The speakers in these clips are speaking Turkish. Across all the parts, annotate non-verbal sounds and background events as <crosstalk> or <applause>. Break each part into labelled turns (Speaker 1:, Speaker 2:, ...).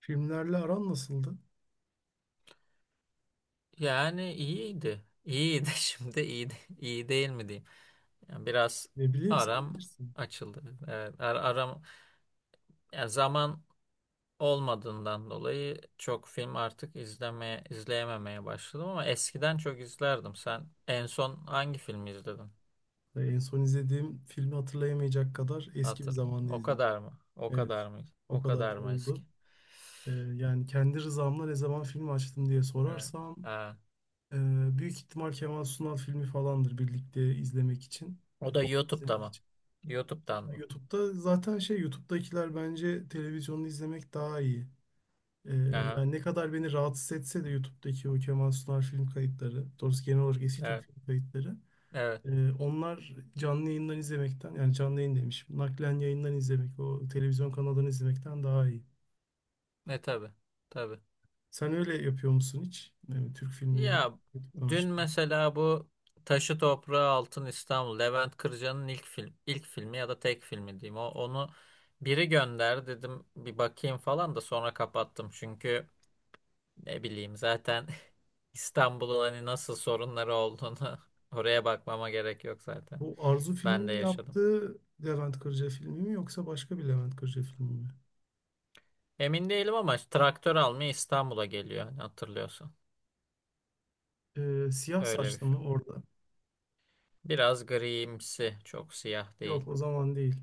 Speaker 1: Filmlerle aran nasıldı?
Speaker 2: Yani iyiydi. İyiydi <laughs> şimdi iyi değil mi diyeyim. Yani biraz
Speaker 1: Ne bileyim, sen
Speaker 2: aram
Speaker 1: bilirsin.
Speaker 2: açıldı. Evet, aram, yani zaman olmadığından dolayı çok film artık izleyememeye başladım, ama eskiden çok izlerdim. Sen en son hangi filmi izledin?
Speaker 1: En son izlediğim filmi hatırlayamayacak kadar eski bir
Speaker 2: Hatır.
Speaker 1: zamanda
Speaker 2: O
Speaker 1: izledim.
Speaker 2: kadar mı? O
Speaker 1: Evet,
Speaker 2: kadar mı?
Speaker 1: o
Speaker 2: O
Speaker 1: kadar
Speaker 2: kadar mı eski?
Speaker 1: oldu. Ee, yani kendi rızamla ne zaman film açtım diye
Speaker 2: Evet.
Speaker 1: sorarsam
Speaker 2: Ha.
Speaker 1: e, büyük ihtimal Kemal Sunal filmi falandır, birlikte izlemek için.
Speaker 2: O
Speaker 1: E,
Speaker 2: da
Speaker 1: Toplu
Speaker 2: YouTube'da
Speaker 1: izlemek
Speaker 2: mı?
Speaker 1: için.
Speaker 2: YouTube'dan
Speaker 1: Yani
Speaker 2: mı?
Speaker 1: YouTube'da zaten şey, YouTube'dakiler bence televizyonda izlemek daha iyi. Ee,
Speaker 2: Aha.
Speaker 1: yani ne kadar beni rahatsız etse de YouTube'daki o Kemal Sunal film kayıtları, doğrusu genel olarak eski Türk
Speaker 2: Evet.
Speaker 1: film kayıtları,
Speaker 2: Evet.
Speaker 1: Onlar canlı yayından izlemekten, yani canlı yayın demişim, naklen yayından izlemek o televizyon kanalından izlemekten daha iyi.
Speaker 2: Ne tabii. Tabii.
Speaker 1: Sen öyle yapıyor musun hiç? Yani Türk filmini
Speaker 2: Ya
Speaker 1: YouTube'dan
Speaker 2: dün
Speaker 1: açma.
Speaker 2: mesela bu Taşı Toprağı Altın İstanbul, Levent Kırca'nın ilk filmi ya da tek filmi diyeyim. O, onu biri gönder dedim, bir bakayım falan, da sonra kapattım. Çünkü ne bileyim zaten <laughs> İstanbul'un hani nasıl sorunları olduğunu <laughs> oraya bakmama gerek yok zaten.
Speaker 1: Bu Arzu
Speaker 2: Ben
Speaker 1: filmin
Speaker 2: de yaşadım.
Speaker 1: yaptığı Levent Kırca filmi mi yoksa başka bir Levent Kırca filmi mi?
Speaker 2: Emin değilim ama işte traktör almaya İstanbul'a geliyor, hani hatırlıyorsun.
Speaker 1: Siyah
Speaker 2: Öyle bir
Speaker 1: Saçlı mı
Speaker 2: film.
Speaker 1: orada?
Speaker 2: Biraz grimsi, çok siyah değil.
Speaker 1: Yok, o zaman değil.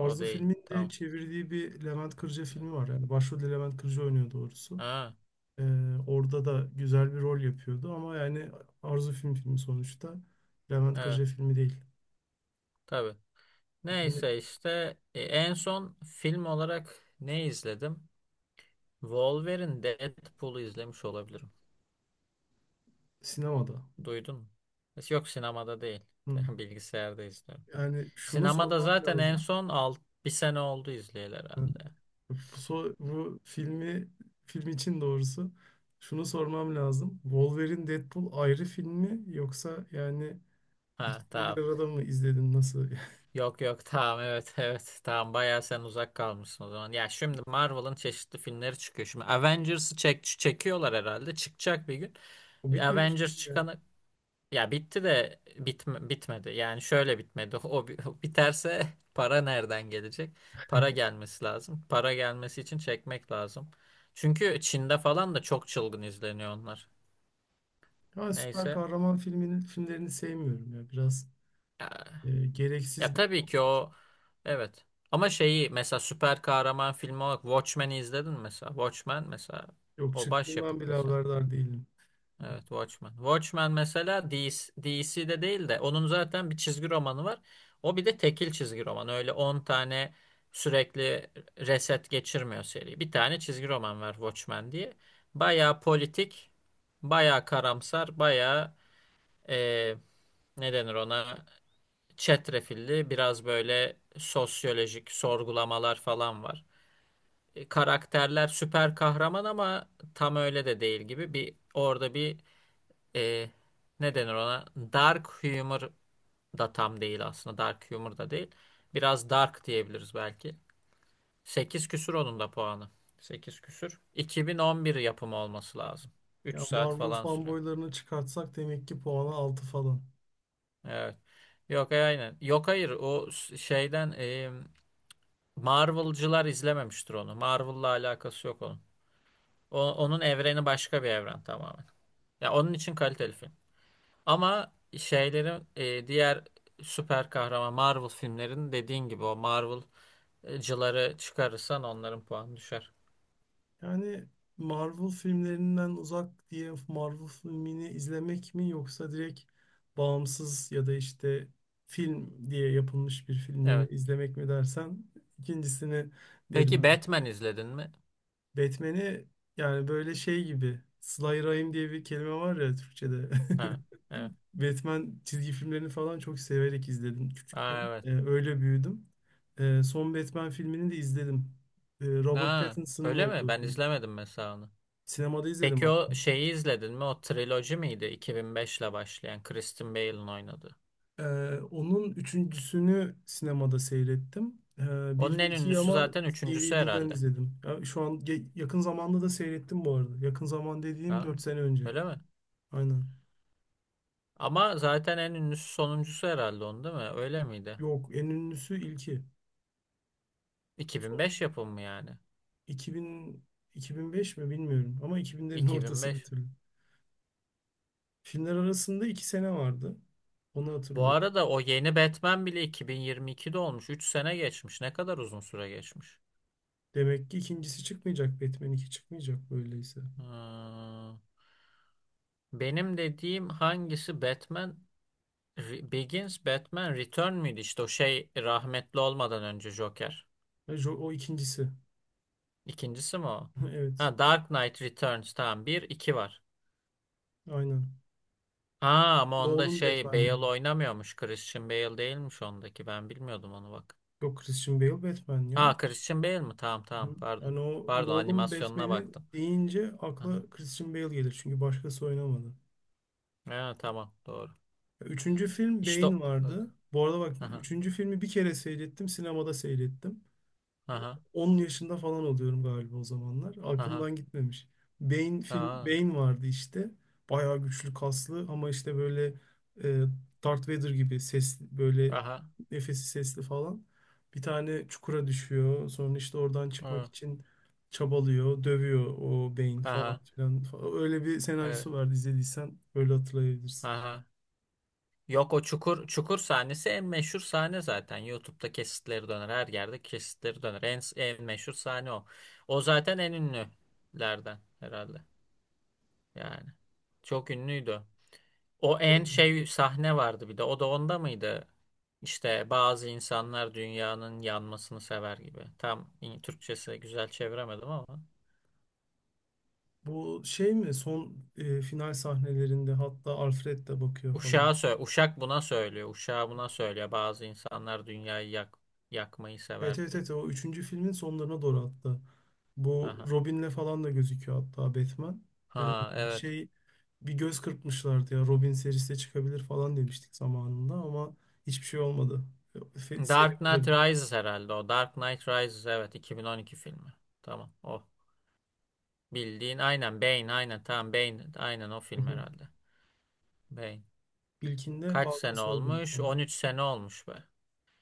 Speaker 2: O değil.
Speaker 1: filmin de
Speaker 2: Tamam.
Speaker 1: çevirdiği bir Levent Kırca
Speaker 2: Evet.
Speaker 1: filmi var. Yani başrolde Levent Kırca oynuyor doğrusu.
Speaker 2: Ha.
Speaker 1: Orada da güzel bir rol yapıyordu ama yani Arzu film filmi sonuçta. Levent
Speaker 2: Evet.
Speaker 1: Kırca filmi değil.
Speaker 2: Tabii.
Speaker 1: Yani
Speaker 2: Neyse işte, en son film olarak ne izledim? Wolverine Deadpool'u izlemiş olabilirim.
Speaker 1: sinemada.
Speaker 2: Duydun mu? Yok, sinemada değil.
Speaker 1: Hı.
Speaker 2: <laughs> Bilgisayarda izliyorum.
Speaker 1: Yani şunu
Speaker 2: Sinemada
Speaker 1: sormam
Speaker 2: zaten en
Speaker 1: lazım.
Speaker 2: son, bir sene oldu izleyeli
Speaker 1: Ha,
Speaker 2: herhalde.
Speaker 1: bak bu, bu filmi, film için doğrusu şunu sormam lazım. Wolverine Deadpool ayrı film mi, yoksa yani
Speaker 2: Ha
Speaker 1: ikisini bir
Speaker 2: tamam.
Speaker 1: arada mı izledin, nasıl?
Speaker 2: Yok, yok, tamam, evet, <laughs> evet, tamam, bayağı sen uzak kalmışsın o zaman. Ya şimdi Marvel'ın çeşitli filmleri çıkıyor. Şimdi Avengers'ı çekiyorlar herhalde. Çıkacak bir gün.
Speaker 1: <laughs> O bitmemiş
Speaker 2: Avengers
Speaker 1: miydi ya?
Speaker 2: çıkana Ya bitti de, bitmedi. Yani şöyle bitmedi. O <laughs> biterse para nereden gelecek? Para gelmesi lazım. Para gelmesi için çekmek lazım. Çünkü Çin'de falan da çok çılgın izleniyor onlar.
Speaker 1: Ha, süper
Speaker 2: Neyse.
Speaker 1: kahraman filmlerini sevmiyorum ya. Biraz
Speaker 2: Ya, ya
Speaker 1: gereksiz bir.
Speaker 2: tabii ki o, evet. Ama şeyi mesela süper kahraman filmi olarak Watchmen'i izledin mi mesela. Watchmen mesela
Speaker 1: Yok,
Speaker 2: o başyapıt
Speaker 1: çıktığından bile
Speaker 2: mesela.
Speaker 1: haberdar değilim.
Speaker 2: Evet, Watchmen. Watchmen mesela DC'de değil de, onun zaten bir çizgi romanı var. O bir de tekil çizgi roman. Öyle 10 tane sürekli reset geçirmiyor seri. Bir tane çizgi roman var Watchmen diye. Bayağı politik, bayağı karamsar, bayağı, eee ne denir ona, çetrefilli biraz böyle sosyolojik sorgulamalar falan var. Karakterler süper kahraman ama tam öyle de değil gibi, bir orada bir, e, ne denir ona? Dark humor da tam değil aslında. Dark humor da değil. Biraz dark diyebiliriz belki. Sekiz küsür onun da puanı. Sekiz küsür. 2011 yapımı olması lazım. üç
Speaker 1: Ya
Speaker 2: saat
Speaker 1: Marvel
Speaker 2: falan sürüyor.
Speaker 1: fanboylarını çıkartsak demek ki puanı 6 falan.
Speaker 2: Evet. Yok, aynen. Yok, hayır, şeyden, Marvel'cılar izlememiştir onu. Marvel'la alakası yok onun. Onun evreni başka bir evren tamamen. Ya onun için kaliteli film. Ama şeylerin, diğer süper kahraman Marvel filmlerin dediğin gibi o Marvel'cıları çıkarırsan onların puanı düşer.
Speaker 1: Yani Marvel filmlerinden uzak diye Marvel filmini izlemek mi, yoksa direkt bağımsız ya da işte film diye yapılmış bir filmi mi
Speaker 2: Evet.
Speaker 1: izlemek mi dersen, ikincisini derim
Speaker 2: Peki
Speaker 1: ben.
Speaker 2: Batman izledin mi?
Speaker 1: Batman'i yani böyle şey gibi, Slayer'ayım diye bir kelime var ya Türkçe'de.
Speaker 2: Ha, evet.
Speaker 1: <laughs> Batman çizgi filmlerini falan çok severek izledim küçükken.
Speaker 2: Ha, evet.
Speaker 1: Öyle büyüdüm. Son Batman filmini de izledim. Robert
Speaker 2: Ha,
Speaker 1: Pattinson'ın
Speaker 2: öyle mi?
Speaker 1: olduğu
Speaker 2: Ben
Speaker 1: film.
Speaker 2: izlemedim mesela onu.
Speaker 1: Sinemada izledim
Speaker 2: Peki o
Speaker 1: hatta.
Speaker 2: şeyi izledin mi? O triloji miydi? 2005 ile başlayan Christian Bale'ın oynadığı.
Speaker 1: Ee, onun üçüncüsünü sinemada seyrettim.
Speaker 2: Onun
Speaker 1: Bir ve
Speaker 2: en
Speaker 1: ikiyi
Speaker 2: ünlüsü
Speaker 1: ama
Speaker 2: zaten üçüncüsü
Speaker 1: DVD'den
Speaker 2: herhalde.
Speaker 1: izledim. Ya, şu an yakın zamanda da seyrettim bu arada. Yakın zaman dediğim
Speaker 2: Ha,
Speaker 1: 4 sene önce.
Speaker 2: öyle mi?
Speaker 1: Aynen.
Speaker 2: Ama zaten en ünlüsü sonuncusu herhalde, onun değil mi? Öyle miydi?
Speaker 1: Yok, en ünlüsü ilki.
Speaker 2: iki bin
Speaker 1: Son
Speaker 2: beş yapımı yani?
Speaker 1: 2000, 2005 mi bilmiyorum ama 2000'lerin <laughs>
Speaker 2: iki bin
Speaker 1: ortası bir
Speaker 2: beş.
Speaker 1: türlü. Filmler arasında 2 sene vardı. Onu
Speaker 2: Bu
Speaker 1: hatırlıyorum.
Speaker 2: arada o yeni Batman bile 2022'de olmuş. 3 sene geçmiş. Ne kadar uzun süre geçmiş.
Speaker 1: Demek ki ikincisi çıkmayacak. Batman 2 çıkmayacak böyleyse.
Speaker 2: Hmm. Benim dediğim hangisi, Batman Begins, Batman Return müydü? İşte o şey rahmetli olmadan önce Joker.
Speaker 1: Hayır, O o ikincisi.
Speaker 2: İkincisi mi o?
Speaker 1: <laughs> Evet.
Speaker 2: Ha, Dark Knight Returns, tamam, bir 2 var.
Speaker 1: Aynen.
Speaker 2: Aa ama onda
Speaker 1: Nolan
Speaker 2: şey Bale
Speaker 1: Batman'leri.
Speaker 2: oynamıyormuş. Christian Bale değilmiş ondaki. Ben bilmiyordum onu bak.
Speaker 1: Yok, Christian Bale Batman ya.
Speaker 2: Aa, Christian Bale mi? Tamam,
Speaker 1: Hı.
Speaker 2: tamam, pardon.
Speaker 1: Yani o
Speaker 2: Pardon,
Speaker 1: Nolan
Speaker 2: animasyonuna
Speaker 1: Batman'i
Speaker 2: baktım.
Speaker 1: deyince
Speaker 2: Aha.
Speaker 1: akla Christian Bale gelir. Çünkü başkası oynamadı.
Speaker 2: Ha, tamam, doğru.
Speaker 1: Üçüncü film
Speaker 2: İşte
Speaker 1: Bane
Speaker 2: evet.
Speaker 1: vardı. Bu arada bak,
Speaker 2: Aha.
Speaker 1: üçüncü filmi bir kere seyrettim. Sinemada seyrettim.
Speaker 2: Aha.
Speaker 1: 10 yaşında falan oluyorum galiba o zamanlar.
Speaker 2: Aha.
Speaker 1: Aklımdan gitmemiş. Bane film,
Speaker 2: Aha.
Speaker 1: Bane vardı işte. Bayağı güçlü, kaslı ama işte böyle e, Darth Vader gibi ses, böyle
Speaker 2: Aha.
Speaker 1: nefesi sesli falan. Bir tane çukura düşüyor. Sonra işte oradan çıkmak
Speaker 2: Hı.
Speaker 1: için çabalıyor, dövüyor o Bane falan
Speaker 2: Aha.
Speaker 1: filan. Öyle bir
Speaker 2: Evet.
Speaker 1: senaryosu vardı, izlediysen öyle hatırlayabilirsin.
Speaker 2: Aha. Yok, o çukur sahnesi en meşhur sahne zaten. YouTube'da kesitleri döner. Her yerde kesitleri döner. En meşhur sahne o. O zaten en ünlülerden herhalde. Yani. Çok ünlüydü. O en şey sahne vardı bir de. O da onda mıydı? İşte bazı insanlar dünyanın yanmasını sever gibi. Tam Türkçesi güzel çeviremedim ama.
Speaker 1: Bu şey mi, son final sahnelerinde, hatta Alfred de bakıyor falan.
Speaker 2: Uşağa sö Uşak buna söylüyor. Uşağa buna söylüyor. Bazı insanlar dünyayı yakmayı
Speaker 1: Evet
Speaker 2: sever
Speaker 1: evet
Speaker 2: diye.
Speaker 1: evet, o üçüncü filmin sonlarına doğru hatta. Bu
Speaker 2: Aha.
Speaker 1: Robin'le falan da gözüküyor hatta Batman. Ee,
Speaker 2: Ha evet.
Speaker 1: şey bir göz kırpmışlardı ya, Robin serisi de çıkabilir falan demiştik zamanında ama hiçbir şey olmadı. Seri
Speaker 2: Dark
Speaker 1: orada
Speaker 2: Knight
Speaker 1: bitti.
Speaker 2: Rises herhalde o. Dark Knight Rises, evet, 2012 filmi. Tamam o. Bildiğin aynen Bane, aynen, tamam, Bane, aynen, o film
Speaker 1: <laughs>
Speaker 2: herhalde. Bane.
Speaker 1: İlkinde
Speaker 2: Kaç
Speaker 1: banka
Speaker 2: sene
Speaker 1: soygunu
Speaker 2: olmuş?
Speaker 1: falan.
Speaker 2: 13 sene olmuş be.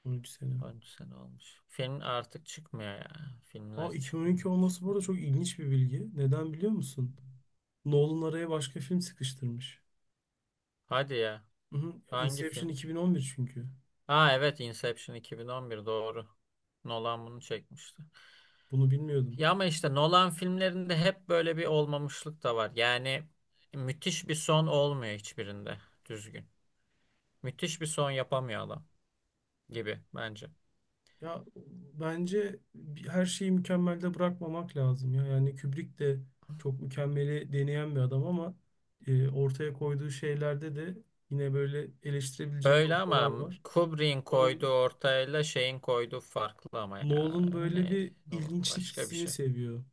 Speaker 1: 13 sene.
Speaker 2: 13 sene olmuş. Film artık çıkmıyor ya.
Speaker 1: Aa,
Speaker 2: Filmler
Speaker 1: 2012
Speaker 2: çıkmıyor,
Speaker 1: olması bu
Speaker 2: çıkmıyor.
Speaker 1: arada çok ilginç bir bilgi. Neden biliyor musun? Nolan araya başka film sıkıştırmış.
Speaker 2: Hadi ya.
Speaker 1: Hı hı.
Speaker 2: Hangi
Speaker 1: Inception
Speaker 2: film?
Speaker 1: 2011 çünkü.
Speaker 2: Ha evet, Inception 2011 doğru. Nolan bunu çekmişti.
Speaker 1: Bunu bilmiyordum.
Speaker 2: Ya ama işte Nolan filmlerinde hep böyle bir olmamışlık da var. Yani müthiş bir son olmuyor hiçbirinde düzgün. Müthiş bir son yapamıyor adam gibi bence.
Speaker 1: Ya bence her şeyi mükemmelde bırakmamak lazım ya. Yani Kubrick de çok mükemmeli deneyen bir adam ama ortaya koyduğu şeylerde de yine böyle eleştirebileceğin
Speaker 2: Öyle
Speaker 1: noktalar
Speaker 2: ama
Speaker 1: var.
Speaker 2: Kubrick'in koyduğu
Speaker 1: Nolan
Speaker 2: ortayla şeyin koyduğu farklı ama ya,
Speaker 1: Nolan böyle
Speaker 2: hani
Speaker 1: bir
Speaker 2: Nolan
Speaker 1: ilginçlik
Speaker 2: başka bir
Speaker 1: hissini
Speaker 2: şey.
Speaker 1: seviyor.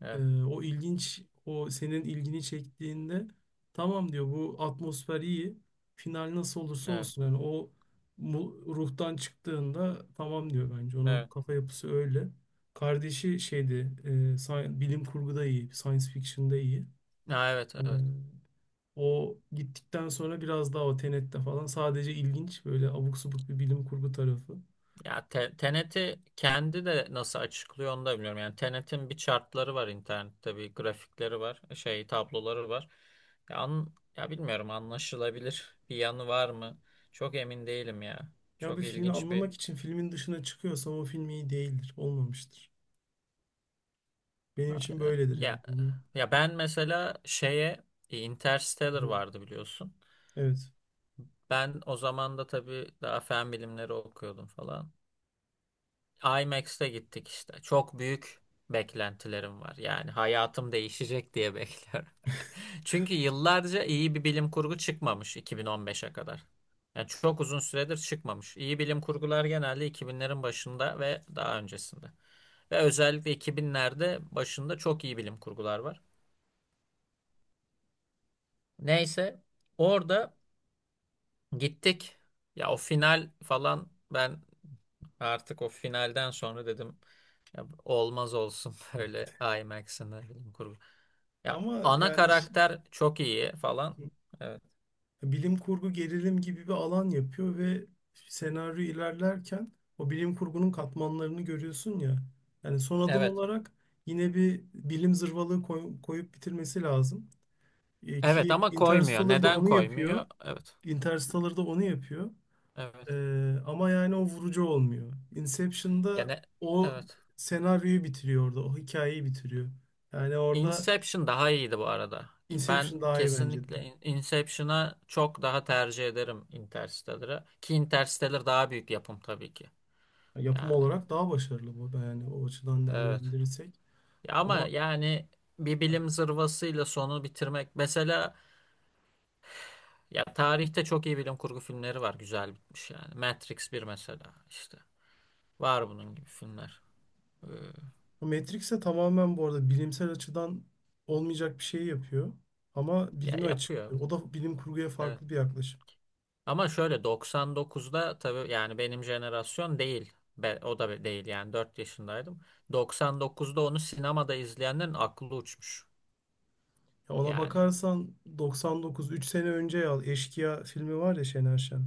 Speaker 2: Evet,
Speaker 1: O ilginç, o senin ilgini çektiğinde tamam diyor, bu atmosfer iyi. Final nasıl olursa
Speaker 2: evet,
Speaker 1: olsun, yani o ruhtan çıktığında tamam diyor bence. Onun
Speaker 2: evet.
Speaker 1: kafa yapısı öyle. Kardeşi şeydi, e, bilim kurguda iyi, science fiction'da iyi.
Speaker 2: Ha, evet,
Speaker 1: Ee,
Speaker 2: evet.
Speaker 1: o gittikten sonra biraz daha o Tenet'te falan sadece ilginç, böyle abuk subuk bir bilim kurgu tarafı.
Speaker 2: Ya Tenet'i kendi de nasıl açıklıyor onu da bilmiyorum. Yani Tenet'in bir chartları var internette, bir grafikleri var, şey, tabloları var. Ya, ya bilmiyorum, anlaşılabilir bir yanı var mı? Çok emin değilim ya.
Speaker 1: Ya bir
Speaker 2: Çok
Speaker 1: filmi
Speaker 2: ilginç bir,
Speaker 1: anlamak için filmin dışına çıkıyorsam o film iyi değildir, olmamıştır. Benim için
Speaker 2: aynen.
Speaker 1: böyledir yani.
Speaker 2: Ya ben mesela şeye, Interstellar
Speaker 1: Hı.
Speaker 2: vardı, biliyorsun.
Speaker 1: Evet.
Speaker 2: Ben o zaman da tabii daha fen bilimleri okuyordum falan. IMAX'te gittik işte. Çok büyük beklentilerim var. Yani hayatım değişecek diye <laughs> bekliyorum. Çünkü yıllarca iyi bir bilim kurgu çıkmamış 2015'e kadar. Yani çok uzun süredir çıkmamış. İyi bilim kurgular genelde 2000'lerin başında ve daha öncesinde. Ve özellikle 2000'lerde başında çok iyi bilim kurgular var. Neyse, orada gittik. Ya o final falan, ben artık o finalden sonra dedim, ya olmaz olsun <laughs> böyle IMAX'in de bilim kurgu. Ya
Speaker 1: Ama
Speaker 2: ana
Speaker 1: yani
Speaker 2: karakter çok iyi falan. Evet.
Speaker 1: bilim kurgu gerilim gibi bir alan yapıyor ve senaryo ilerlerken o bilim kurgunun katmanlarını görüyorsun ya. Yani son adım
Speaker 2: Evet.
Speaker 1: olarak yine bir bilim zırvalığı koyup bitirmesi lazım. E,
Speaker 2: Evet
Speaker 1: ki
Speaker 2: ama koymuyor.
Speaker 1: Interstellar da
Speaker 2: Neden
Speaker 1: onu yapıyor.
Speaker 2: koymuyor? Evet.
Speaker 1: Interstellar da onu yapıyor.
Speaker 2: Evet.
Speaker 1: E, ama yani o vurucu olmuyor. Inception'da
Speaker 2: Yani
Speaker 1: o
Speaker 2: evet.
Speaker 1: senaryoyu bitiriyor orada. O hikayeyi bitiriyor. Yani orada
Speaker 2: Inception daha iyiydi bu arada. Ben
Speaker 1: Inception daha iyi bence de.
Speaker 2: kesinlikle Inception'a çok daha tercih ederim Interstellar'a. Ki Interstellar daha büyük yapım tabii ki.
Speaker 1: Yapım
Speaker 2: Yani
Speaker 1: olarak daha başarılı bu, yani o açıdan
Speaker 2: evet.
Speaker 1: değerlendirirsek.
Speaker 2: Ya ama
Speaker 1: Ama
Speaker 2: yani bir bilim zırvasıyla sonu bitirmek mesela, ya tarihte çok iyi bilim kurgu filmleri var güzel bitmiş yani. Matrix bir mesela işte. Var bunun gibi filmler. Ee,
Speaker 1: Matrix'e tamamen bu arada bilimsel açıdan olmayacak bir şey yapıyor. Ama
Speaker 2: ya
Speaker 1: bilimi
Speaker 2: yapıyor.
Speaker 1: açıklıyor. O da bilim kurguya
Speaker 2: Evet.
Speaker 1: farklı bir yaklaşım.
Speaker 2: Ama şöyle 99'da tabii yani benim jenerasyon değil. O da değil yani, 4 yaşındaydım. 99'da onu sinemada izleyenlerin aklı uçmuş.
Speaker 1: Ya ona
Speaker 2: Yani.
Speaker 1: bakarsan 99, 3 sene önce ya, Eşkıya filmi var ya, Şener Şen.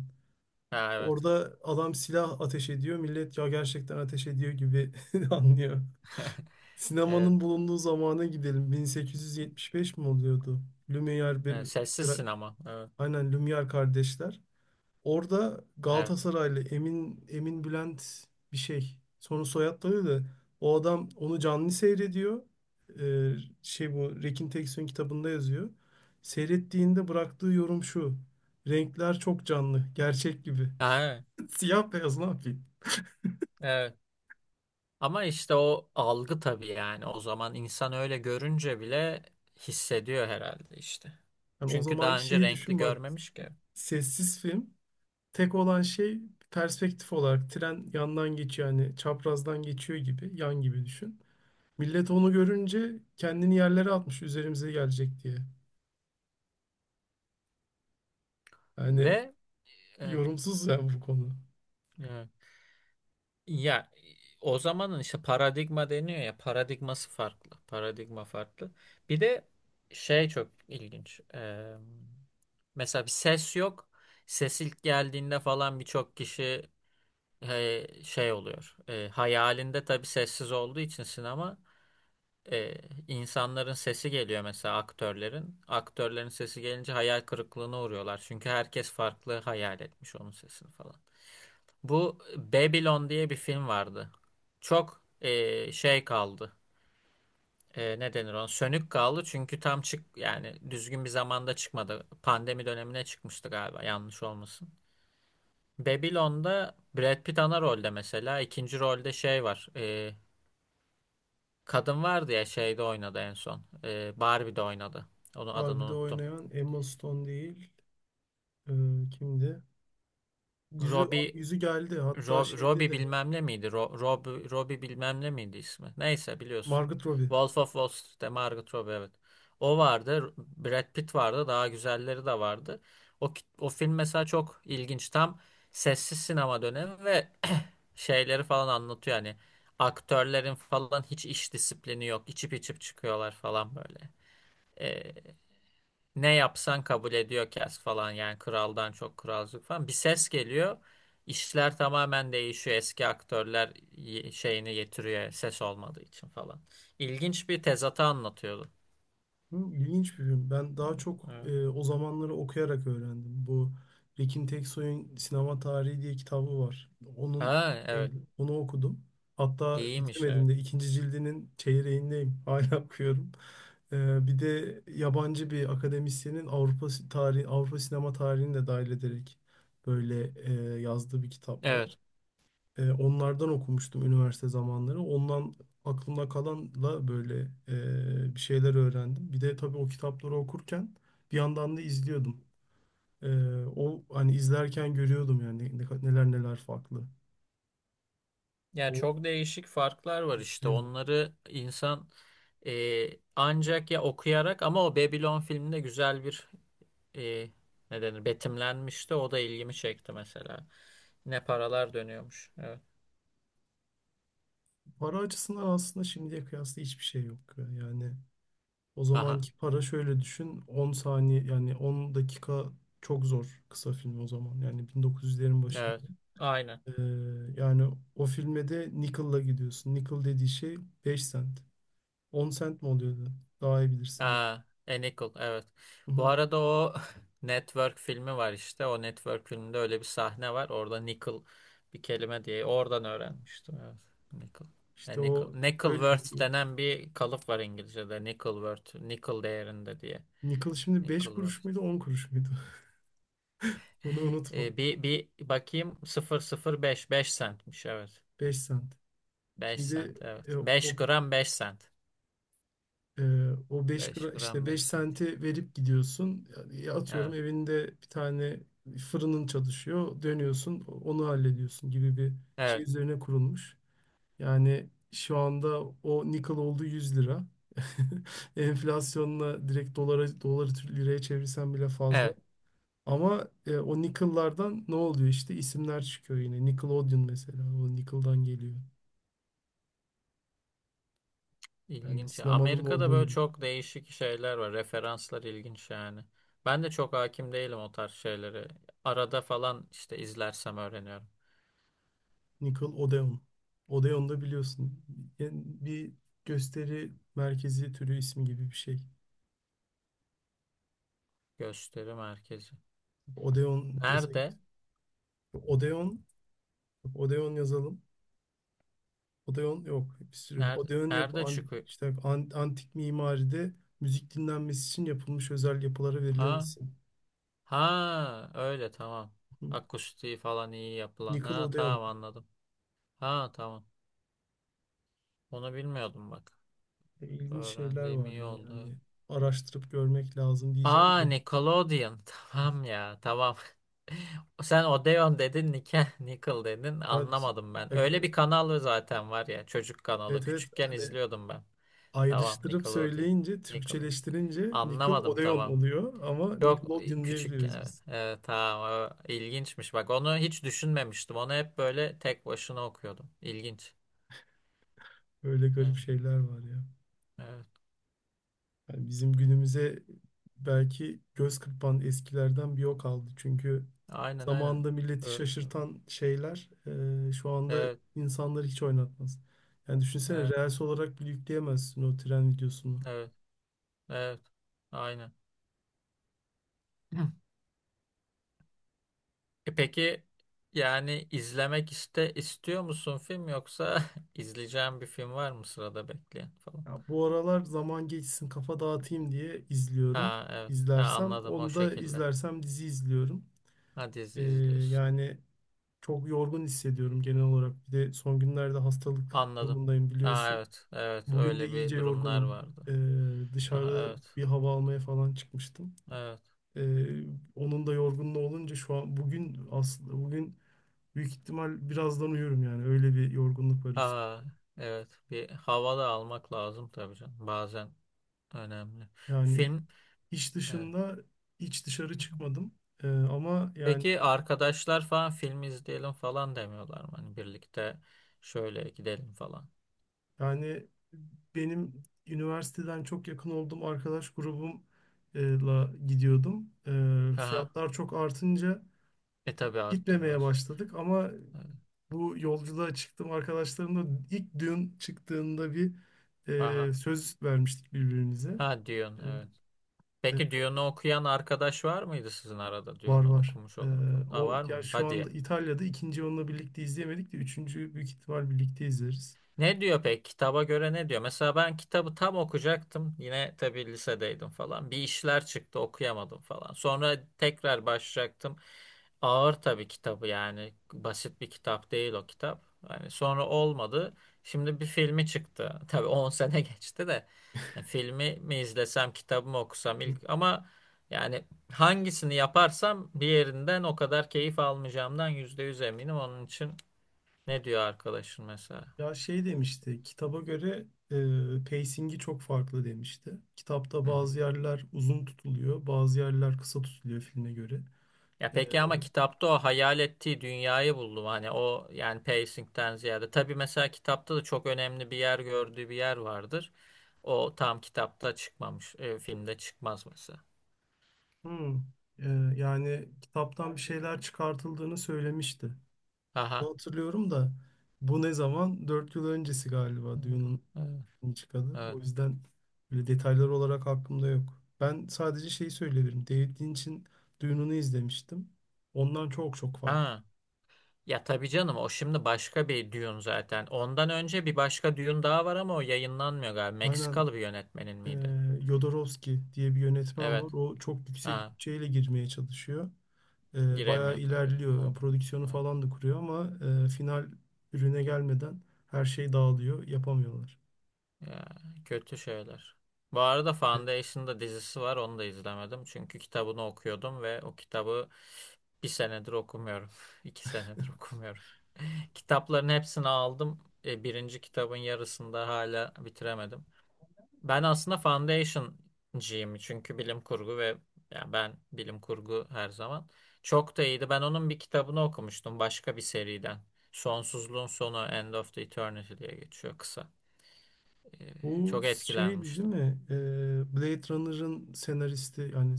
Speaker 2: Ha, evet.
Speaker 1: Orada adam silah ateş ediyor. Millet ya gerçekten ateş ediyor gibi <laughs> anlıyor.
Speaker 2: <laughs> Evet.
Speaker 1: Sinemanın bulunduğu zamana gidelim. 1875 mi oluyordu? Lumière
Speaker 2: Evet,
Speaker 1: bir
Speaker 2: sessiz sinema. Evet.
Speaker 1: Aynen, Lumière kardeşler. Orada
Speaker 2: Evet.
Speaker 1: Galatasaraylı Emin Bülent bir şey. Sonra soyadları da, o adam onu canlı seyrediyor. Ee, bu Rekin Teksoy'un kitabında yazıyor. Seyrettiğinde bıraktığı yorum şu: renkler çok canlı, gerçek gibi.
Speaker 2: Ha, evet.
Speaker 1: <laughs> Siyah beyaz, ne yapayım?
Speaker 2: Evet. Ama işte o algı tabii yani. O zaman insan öyle görünce bile hissediyor herhalde işte.
Speaker 1: Yani o
Speaker 2: Çünkü daha
Speaker 1: zamanki
Speaker 2: önce
Speaker 1: şeyi
Speaker 2: renkli
Speaker 1: düşün bak.
Speaker 2: görmemiş ki.
Speaker 1: Sessiz film. Tek olan şey, perspektif olarak tren yandan geçiyor yani çaprazdan geçiyor gibi, yan gibi düşün. Millet onu görünce kendini yerlere atmış, üzerimize gelecek diye. Yani
Speaker 2: Ve evet,
Speaker 1: yorumsuz ya bu konu.
Speaker 2: evet. Ya o zamanın işte paradigma deniyor ya, paradigması farklı. Paradigma farklı. Bir de şey çok ilginç. Mesela bir ses yok. Ses ilk geldiğinde falan birçok kişi, şey oluyor. Hayalinde tabii sessiz olduğu için sinema, e, insanların sesi geliyor mesela, aktörlerin. Aktörlerin sesi gelince hayal kırıklığına uğruyorlar. Çünkü herkes farklı hayal etmiş onun sesini falan. Bu Babylon diye bir film vardı. Çok, şey kaldı. Ne denir ona? Sönük kaldı çünkü tam yani düzgün bir zamanda çıkmadı. Pandemi dönemine çıkmıştı galiba, yanlış olmasın. Babylon'da Brad Pitt ana rolde mesela. İkinci rolde şey var. Kadın vardı ya, şeyde oynadı en son. Barbie'de oynadı. Onun adını
Speaker 1: Barbie'de
Speaker 2: unuttum.
Speaker 1: oynayan Emma Stone değil. e, kimdi? Yüzü,
Speaker 2: Robbie.
Speaker 1: yüzü geldi. Hatta şeyde
Speaker 2: Robbie
Speaker 1: de
Speaker 2: bilmem ne miydi? Robbie bilmem ne miydi ismi? Neyse, biliyorsun.
Speaker 1: Margot Robbie.
Speaker 2: Wolf of Wall Street'te Margot Robbie, evet. O vardı. Brad Pitt vardı. Daha güzelleri de vardı. O, o film mesela çok ilginç. Tam sessiz sinema dönemi ve <clears throat> şeyleri falan anlatıyor. Yani aktörlerin falan hiç iş disiplini yok. İçip içip çıkıyorlar falan böyle. Ee, ne yapsan kabul ediyor, kes falan yani, kraldan çok kralcık falan. Bir ses geliyor. İşler tamamen değişiyor. Eski aktörler şeyini getiriyor ses olmadığı için falan. İlginç bir tezatı anlatıyordu.
Speaker 1: Hı, İlginç bir film. Ben
Speaker 2: Hı,
Speaker 1: daha çok
Speaker 2: evet.
Speaker 1: o zamanları okuyarak öğrendim. Tekin Teksoy'un Sinema Tarihi diye kitabı var. Onun
Speaker 2: Ha,
Speaker 1: şey,
Speaker 2: evet.
Speaker 1: onu okudum. Hatta
Speaker 2: İyiymiş,
Speaker 1: bitirmedim
Speaker 2: evet.
Speaker 1: de, ikinci cildinin çeyreğindeyim. <laughs> Hala okuyorum. Bir de yabancı bir akademisyenin Avrupa tarihi, Avrupa sinema tarihini de dahil ederek böyle yazdığı bir kitap var.
Speaker 2: Evet.
Speaker 1: Onlardan okumuştum üniversite zamanları. Ondan aklımda kalanla böyle bir şeyler öğrendim. Bir de tabii o kitapları okurken bir yandan da izliyordum. E, o hani izlerken görüyordum yani neler neler farklı.
Speaker 2: Ya
Speaker 1: O
Speaker 2: çok değişik farklar var işte.
Speaker 1: izliyor.
Speaker 2: Onları insan, e, ancak ya okuyarak, ama o Babylon filminde güzel bir, e, ne denir, betimlenmişti. O da ilgimi çekti mesela. Ne paralar dönüyormuş. Evet.
Speaker 1: Para açısından aslında şimdiye kıyasla hiçbir şey yok. Yani o
Speaker 2: Aha.
Speaker 1: zamanki para şöyle düşün, 10 saniye yani 10 dakika çok zor, kısa film o zaman. Yani 1900'lerin başında.
Speaker 2: Evet. Aynen.
Speaker 1: Ee, yani o filme de nickel'la gidiyorsun. Nickel dediği şey 5 sent, 10 sent mi oluyordu? Daha iyi bilirsin ben.
Speaker 2: Aa, a Nickel. Evet.
Speaker 1: Hı
Speaker 2: Bu
Speaker 1: hı.
Speaker 2: arada o <laughs> Network filmi var işte. O Network filminde öyle bir sahne var. Orada Nickel bir kelime diye. Oradan öğrenmiştim. Evet. Nickel. A
Speaker 1: İşte
Speaker 2: Nickel.
Speaker 1: o öyle
Speaker 2: Nickelworth
Speaker 1: gidiyor.
Speaker 2: denen bir kalıp var İngilizce'de. Nickelworth. Nickel değerinde diye.
Speaker 1: Nickel şimdi 5
Speaker 2: Nickelworth.
Speaker 1: kuruş muydu,
Speaker 2: <laughs>
Speaker 1: 10 kuruş muydu? <laughs> Bunu unutma.
Speaker 2: Bir bakayım, sıfır sıfır beş, 5 centmiş, evet.
Speaker 1: 5 sent.
Speaker 2: Beş
Speaker 1: Şimdi
Speaker 2: sent
Speaker 1: e,
Speaker 2: evet. 5
Speaker 1: o
Speaker 2: gram 5 sent.
Speaker 1: e, o
Speaker 2: 5
Speaker 1: işte
Speaker 2: gram 5
Speaker 1: 5
Speaker 2: sent.
Speaker 1: senti verip gidiyorsun. Yani atıyorum
Speaker 2: Evet.
Speaker 1: evinde bir tane fırının çalışıyor. Dönüyorsun, onu hallediyorsun gibi bir şey
Speaker 2: Evet.
Speaker 1: üzerine kurulmuş. Yani şu anda o nickel oldu 100 lira. <laughs> Enflasyonla direkt dolara, doları liraya çevirsen bile fazla.
Speaker 2: Evet.
Speaker 1: Ama o nickel'lardan ne oluyor işte, isimler çıkıyor yine. Nickelodeon mesela, o nickel'dan geliyor. Yani
Speaker 2: İlginç.
Speaker 1: sinemanın
Speaker 2: Amerika'da
Speaker 1: olduğu
Speaker 2: böyle
Speaker 1: yer.
Speaker 2: çok değişik şeyler var. Referanslar ilginç yani. Ben de çok hakim değilim o tarz şeyleri. Arada falan işte izlersem öğreniyorum.
Speaker 1: Nickelodeon. Odeon da biliyorsun, yani bir gösteri merkezi türü ismi gibi bir şey.
Speaker 2: Gösteri merkezi.
Speaker 1: Odeon
Speaker 2: Nerede?
Speaker 1: desek. Odeon, Odeon yazalım. Odeon yok bir sürü.
Speaker 2: Nerede?
Speaker 1: Odeon yapı,
Speaker 2: Nerede çıkıyor?
Speaker 1: antik mimaride müzik dinlenmesi için yapılmış özel yapılara verilen
Speaker 2: Ha?
Speaker 1: isim.
Speaker 2: Ha, öyle, tamam.
Speaker 1: Hı.
Speaker 2: Akustiği falan iyi yapılan. Ha,
Speaker 1: Nickelodeon.
Speaker 2: tamam, anladım. Ha, tamam. Onu bilmiyordum bak.
Speaker 1: İlginç şeyler
Speaker 2: Öğrendiğim
Speaker 1: var
Speaker 2: iyi
Speaker 1: ya
Speaker 2: oldu, evet.
Speaker 1: yani. Araştırıp görmek lazım diyeceğim
Speaker 2: Aa,
Speaker 1: de.
Speaker 2: Nickelodeon. <laughs> Tamam ya, tamam. <laughs> Sen Odeon dedin, Nickel dedin.
Speaker 1: Ben,
Speaker 2: Anlamadım ben. Öyle bir kanal zaten var ya. Çocuk kanalı.
Speaker 1: evet evet,
Speaker 2: Küçükken
Speaker 1: hani
Speaker 2: izliyordum ben. Tamam,
Speaker 1: ayrıştırıp
Speaker 2: Nickelodeon.
Speaker 1: söyleyince,
Speaker 2: Nickelodeon.
Speaker 1: Türkçeleştirince
Speaker 2: Anlamadım,
Speaker 1: Nickelodeon
Speaker 2: tamam.
Speaker 1: oluyor ama
Speaker 2: Çok,
Speaker 1: Nickelodeon
Speaker 2: küçükken,
Speaker 1: diyebiliyoruz
Speaker 2: evet.
Speaker 1: biz.
Speaker 2: Evet, tamam. O İlginçmiş. Bak onu hiç düşünmemiştim. Onu hep böyle tek başına okuyordum. İlginç.
Speaker 1: Böyle garip
Speaker 2: Evet.
Speaker 1: şeyler var ya.
Speaker 2: Evet.
Speaker 1: Yani bizim günümüze belki göz kırpan eskilerden bir o kaldı. Çünkü
Speaker 2: Aynen, aynen.
Speaker 1: zamanında milleti
Speaker 2: Ö-
Speaker 1: şaşırtan şeyler şu anda
Speaker 2: Evet.
Speaker 1: insanları hiç oynatmaz. Yani düşünsene,
Speaker 2: Evet.
Speaker 1: reels olarak bile yükleyemezsin o tren videosunu.
Speaker 2: Evet. Evet. Aynen. <clears throat> Peki yani izlemek istiyor musun film, yoksa <laughs> izleyeceğin bir film var mı sırada bekleyen falan?
Speaker 1: Ya bu aralar zaman geçsin, kafa dağıtayım diye izliyorum.
Speaker 2: Ha, evet. Ha,
Speaker 1: İzlersem
Speaker 2: anladım, o
Speaker 1: onu da
Speaker 2: şekilde.
Speaker 1: izlersem dizi izliyorum.
Speaker 2: Ha,
Speaker 1: E,
Speaker 2: dizi izliyorsun.
Speaker 1: yani çok yorgun hissediyorum genel olarak. Bir de son günlerde hastalık
Speaker 2: Anladım.
Speaker 1: durumundayım,
Speaker 2: Ha,
Speaker 1: biliyorsun.
Speaker 2: evet. Evet,
Speaker 1: Bugün de
Speaker 2: öyle bir
Speaker 1: iyice
Speaker 2: durumlar
Speaker 1: yorgunum.
Speaker 2: vardı. Aha,
Speaker 1: Dışarıda
Speaker 2: evet.
Speaker 1: bir hava almaya falan çıkmıştım.
Speaker 2: Evet.
Speaker 1: Ee, onun da yorgunluğu olunca şu an bugün, aslında bugün büyük ihtimal birazdan uyurum, yani öyle bir yorgunluk var üstü.
Speaker 2: Ha, evet. Bir hava da almak lazım tabii canım. Bazen önemli.
Speaker 1: Yani
Speaker 2: Film,
Speaker 1: iş
Speaker 2: evet.
Speaker 1: dışında hiç dışarı çıkmadım. Ama yani
Speaker 2: Peki arkadaşlar falan film izleyelim falan demiyorlar mı? Hani birlikte şöyle gidelim falan.
Speaker 1: yani benim üniversiteden çok yakın olduğum arkadaş grubumla gidiyordum.
Speaker 2: Aha.
Speaker 1: Fiyatlar çok artınca
Speaker 2: Tabii arttı
Speaker 1: gitmemeye
Speaker 2: biraz.
Speaker 1: başladık ama
Speaker 2: Evet.
Speaker 1: bu yolculuğa çıktım arkadaşlarımla, ilk düğün çıktığında bir
Speaker 2: Aha.
Speaker 1: söz vermiştik birbirimize.
Speaker 2: Ha, Dune,
Speaker 1: E,
Speaker 2: evet.
Speaker 1: evet,
Speaker 2: Peki Dune'u okuyan arkadaş var mıydı sizin arada,
Speaker 1: var
Speaker 2: Dune'u
Speaker 1: var.
Speaker 2: okumuş olan falan? Ha,
Speaker 1: O
Speaker 2: var
Speaker 1: ya,
Speaker 2: mı?
Speaker 1: şu
Speaker 2: Hadi
Speaker 1: anda
Speaker 2: ya.
Speaker 1: İtalya'da. İkinci onunla birlikte izleyemedik de üçüncüyü büyük ihtimal birlikte izleriz.
Speaker 2: Ne diyor pek? Kitaba göre ne diyor? Mesela ben kitabı tam okuyacaktım. Yine tabii lisedeydim falan. Bir işler çıktı, okuyamadım falan. Sonra tekrar başlayacaktım. Ağır tabii kitabı yani. Basit bir kitap değil o kitap. Yani sonra olmadı. Şimdi bir filmi çıktı. <laughs> Tabii 10 sene <laughs> geçti de. Yani filmi mi izlesem, kitabı mı okusam
Speaker 1: Hı.
Speaker 2: ilk, ama yani hangisini yaparsam diğerinden o kadar keyif almayacağımdan %100 eminim. Onun için ne diyor arkadaşın mesela?
Speaker 1: Ya şey demişti, kitaba göre pacing'i çok farklı demişti. Kitapta
Speaker 2: Hı hı.
Speaker 1: bazı yerler uzun tutuluyor, bazı yerler kısa tutuluyor filme göre.
Speaker 2: Ya
Speaker 1: E,
Speaker 2: peki ama kitapta o hayal ettiği dünyayı buldum. Hani o, yani, pacing'ten ziyade. Tabii mesela kitapta da çok önemli bir yer, gördüğü bir yer vardır. O tam kitapta çıkmamış, filmde çıkmaz mesela.
Speaker 1: hmm, e, yani kitaptan bir şeyler çıkartıldığını söylemişti. Bunu
Speaker 2: Aha.
Speaker 1: hatırlıyorum da, bu ne zaman? 4 yıl öncesi galiba
Speaker 2: Evet.
Speaker 1: Dune'un
Speaker 2: Evet,
Speaker 1: filmi çıkalı.
Speaker 2: evet.
Speaker 1: O yüzden böyle detaylar olarak aklımda yok. Ben sadece şeyi söyleyebilirim: David Lynch'in Dune'unu izlemiştim. Ondan çok çok farklı.
Speaker 2: Ha. Ya tabii canım o şimdi başka bir Dune zaten. Ondan önce bir başka Dune daha var ama o yayınlanmıyor galiba.
Speaker 1: Aynen,
Speaker 2: Meksikalı bir yönetmenin
Speaker 1: e,
Speaker 2: miydi?
Speaker 1: Jodorowsky diye bir yönetmen var.
Speaker 2: Evet.
Speaker 1: O çok yüksek
Speaker 2: Ha.
Speaker 1: bütçeyle girmeye çalışıyor. Bayağı
Speaker 2: Giremiyor tabii.
Speaker 1: ilerliyor. Yani
Speaker 2: Olmuyor.
Speaker 1: prodüksiyonu
Speaker 2: Evet.
Speaker 1: falan da kuruyor ama final ürüne gelmeden her şey dağılıyor. Yapamıyorlar.
Speaker 2: Ya, kötü şeyler. Bu arada
Speaker 1: E,
Speaker 2: Foundation'da dizisi var. Onu da izlemedim. Çünkü kitabını okuyordum ve o kitabı bir senedir okumuyorum. <laughs> 2 senedir okumuyorum. <laughs> Kitapların hepsini aldım. Birinci kitabın yarısında hala bitiremedim. Ben aslında Foundation'cıyım. Çünkü bilim kurgu ve, ya ben bilim kurgu her zaman. Çok da iyiydi. Ben onun bir kitabını okumuştum başka bir seriden. Sonsuzluğun sonu, End of the Eternity diye geçiyor kısa. E,
Speaker 1: Bu
Speaker 2: çok
Speaker 1: şeydi değil
Speaker 2: etkilenmiştim.
Speaker 1: mi? Blade Runner'ın senaristi, yani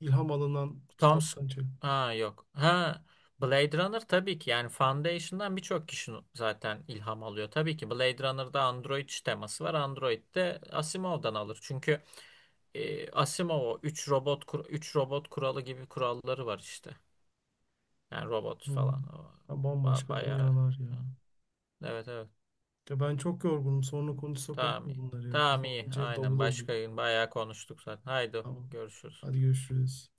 Speaker 1: ilham alınan
Speaker 2: Tom Sc-
Speaker 1: kitaptan çek.
Speaker 2: ha yok. Ha, Blade Runner tabii ki yani, Foundation'dan birçok kişi zaten ilham alıyor. Tabii ki Blade Runner'da Android teması var. Android de Asimov'dan alır. Çünkü, Asimov o 3 robot üç robot kuralı gibi kuralları var işte. Yani robot
Speaker 1: Hı hı.
Speaker 2: falan o,
Speaker 1: Ya bambaşka
Speaker 2: bayağı.
Speaker 1: dünyalar ya.
Speaker 2: Hı. Evet, evet.
Speaker 1: Ya ben çok yorgunum. Sonra konuşsak olur
Speaker 2: Tamam,
Speaker 1: mu
Speaker 2: iyi.
Speaker 1: bunları ya?
Speaker 2: Tamam,
Speaker 1: Kafam
Speaker 2: iyi.
Speaker 1: iyice davul
Speaker 2: Aynen.
Speaker 1: oldu.
Speaker 2: Başka gün bayağı konuştuk zaten. Haydi
Speaker 1: Tamam.
Speaker 2: görüşürüz.
Speaker 1: Hadi görüşürüz.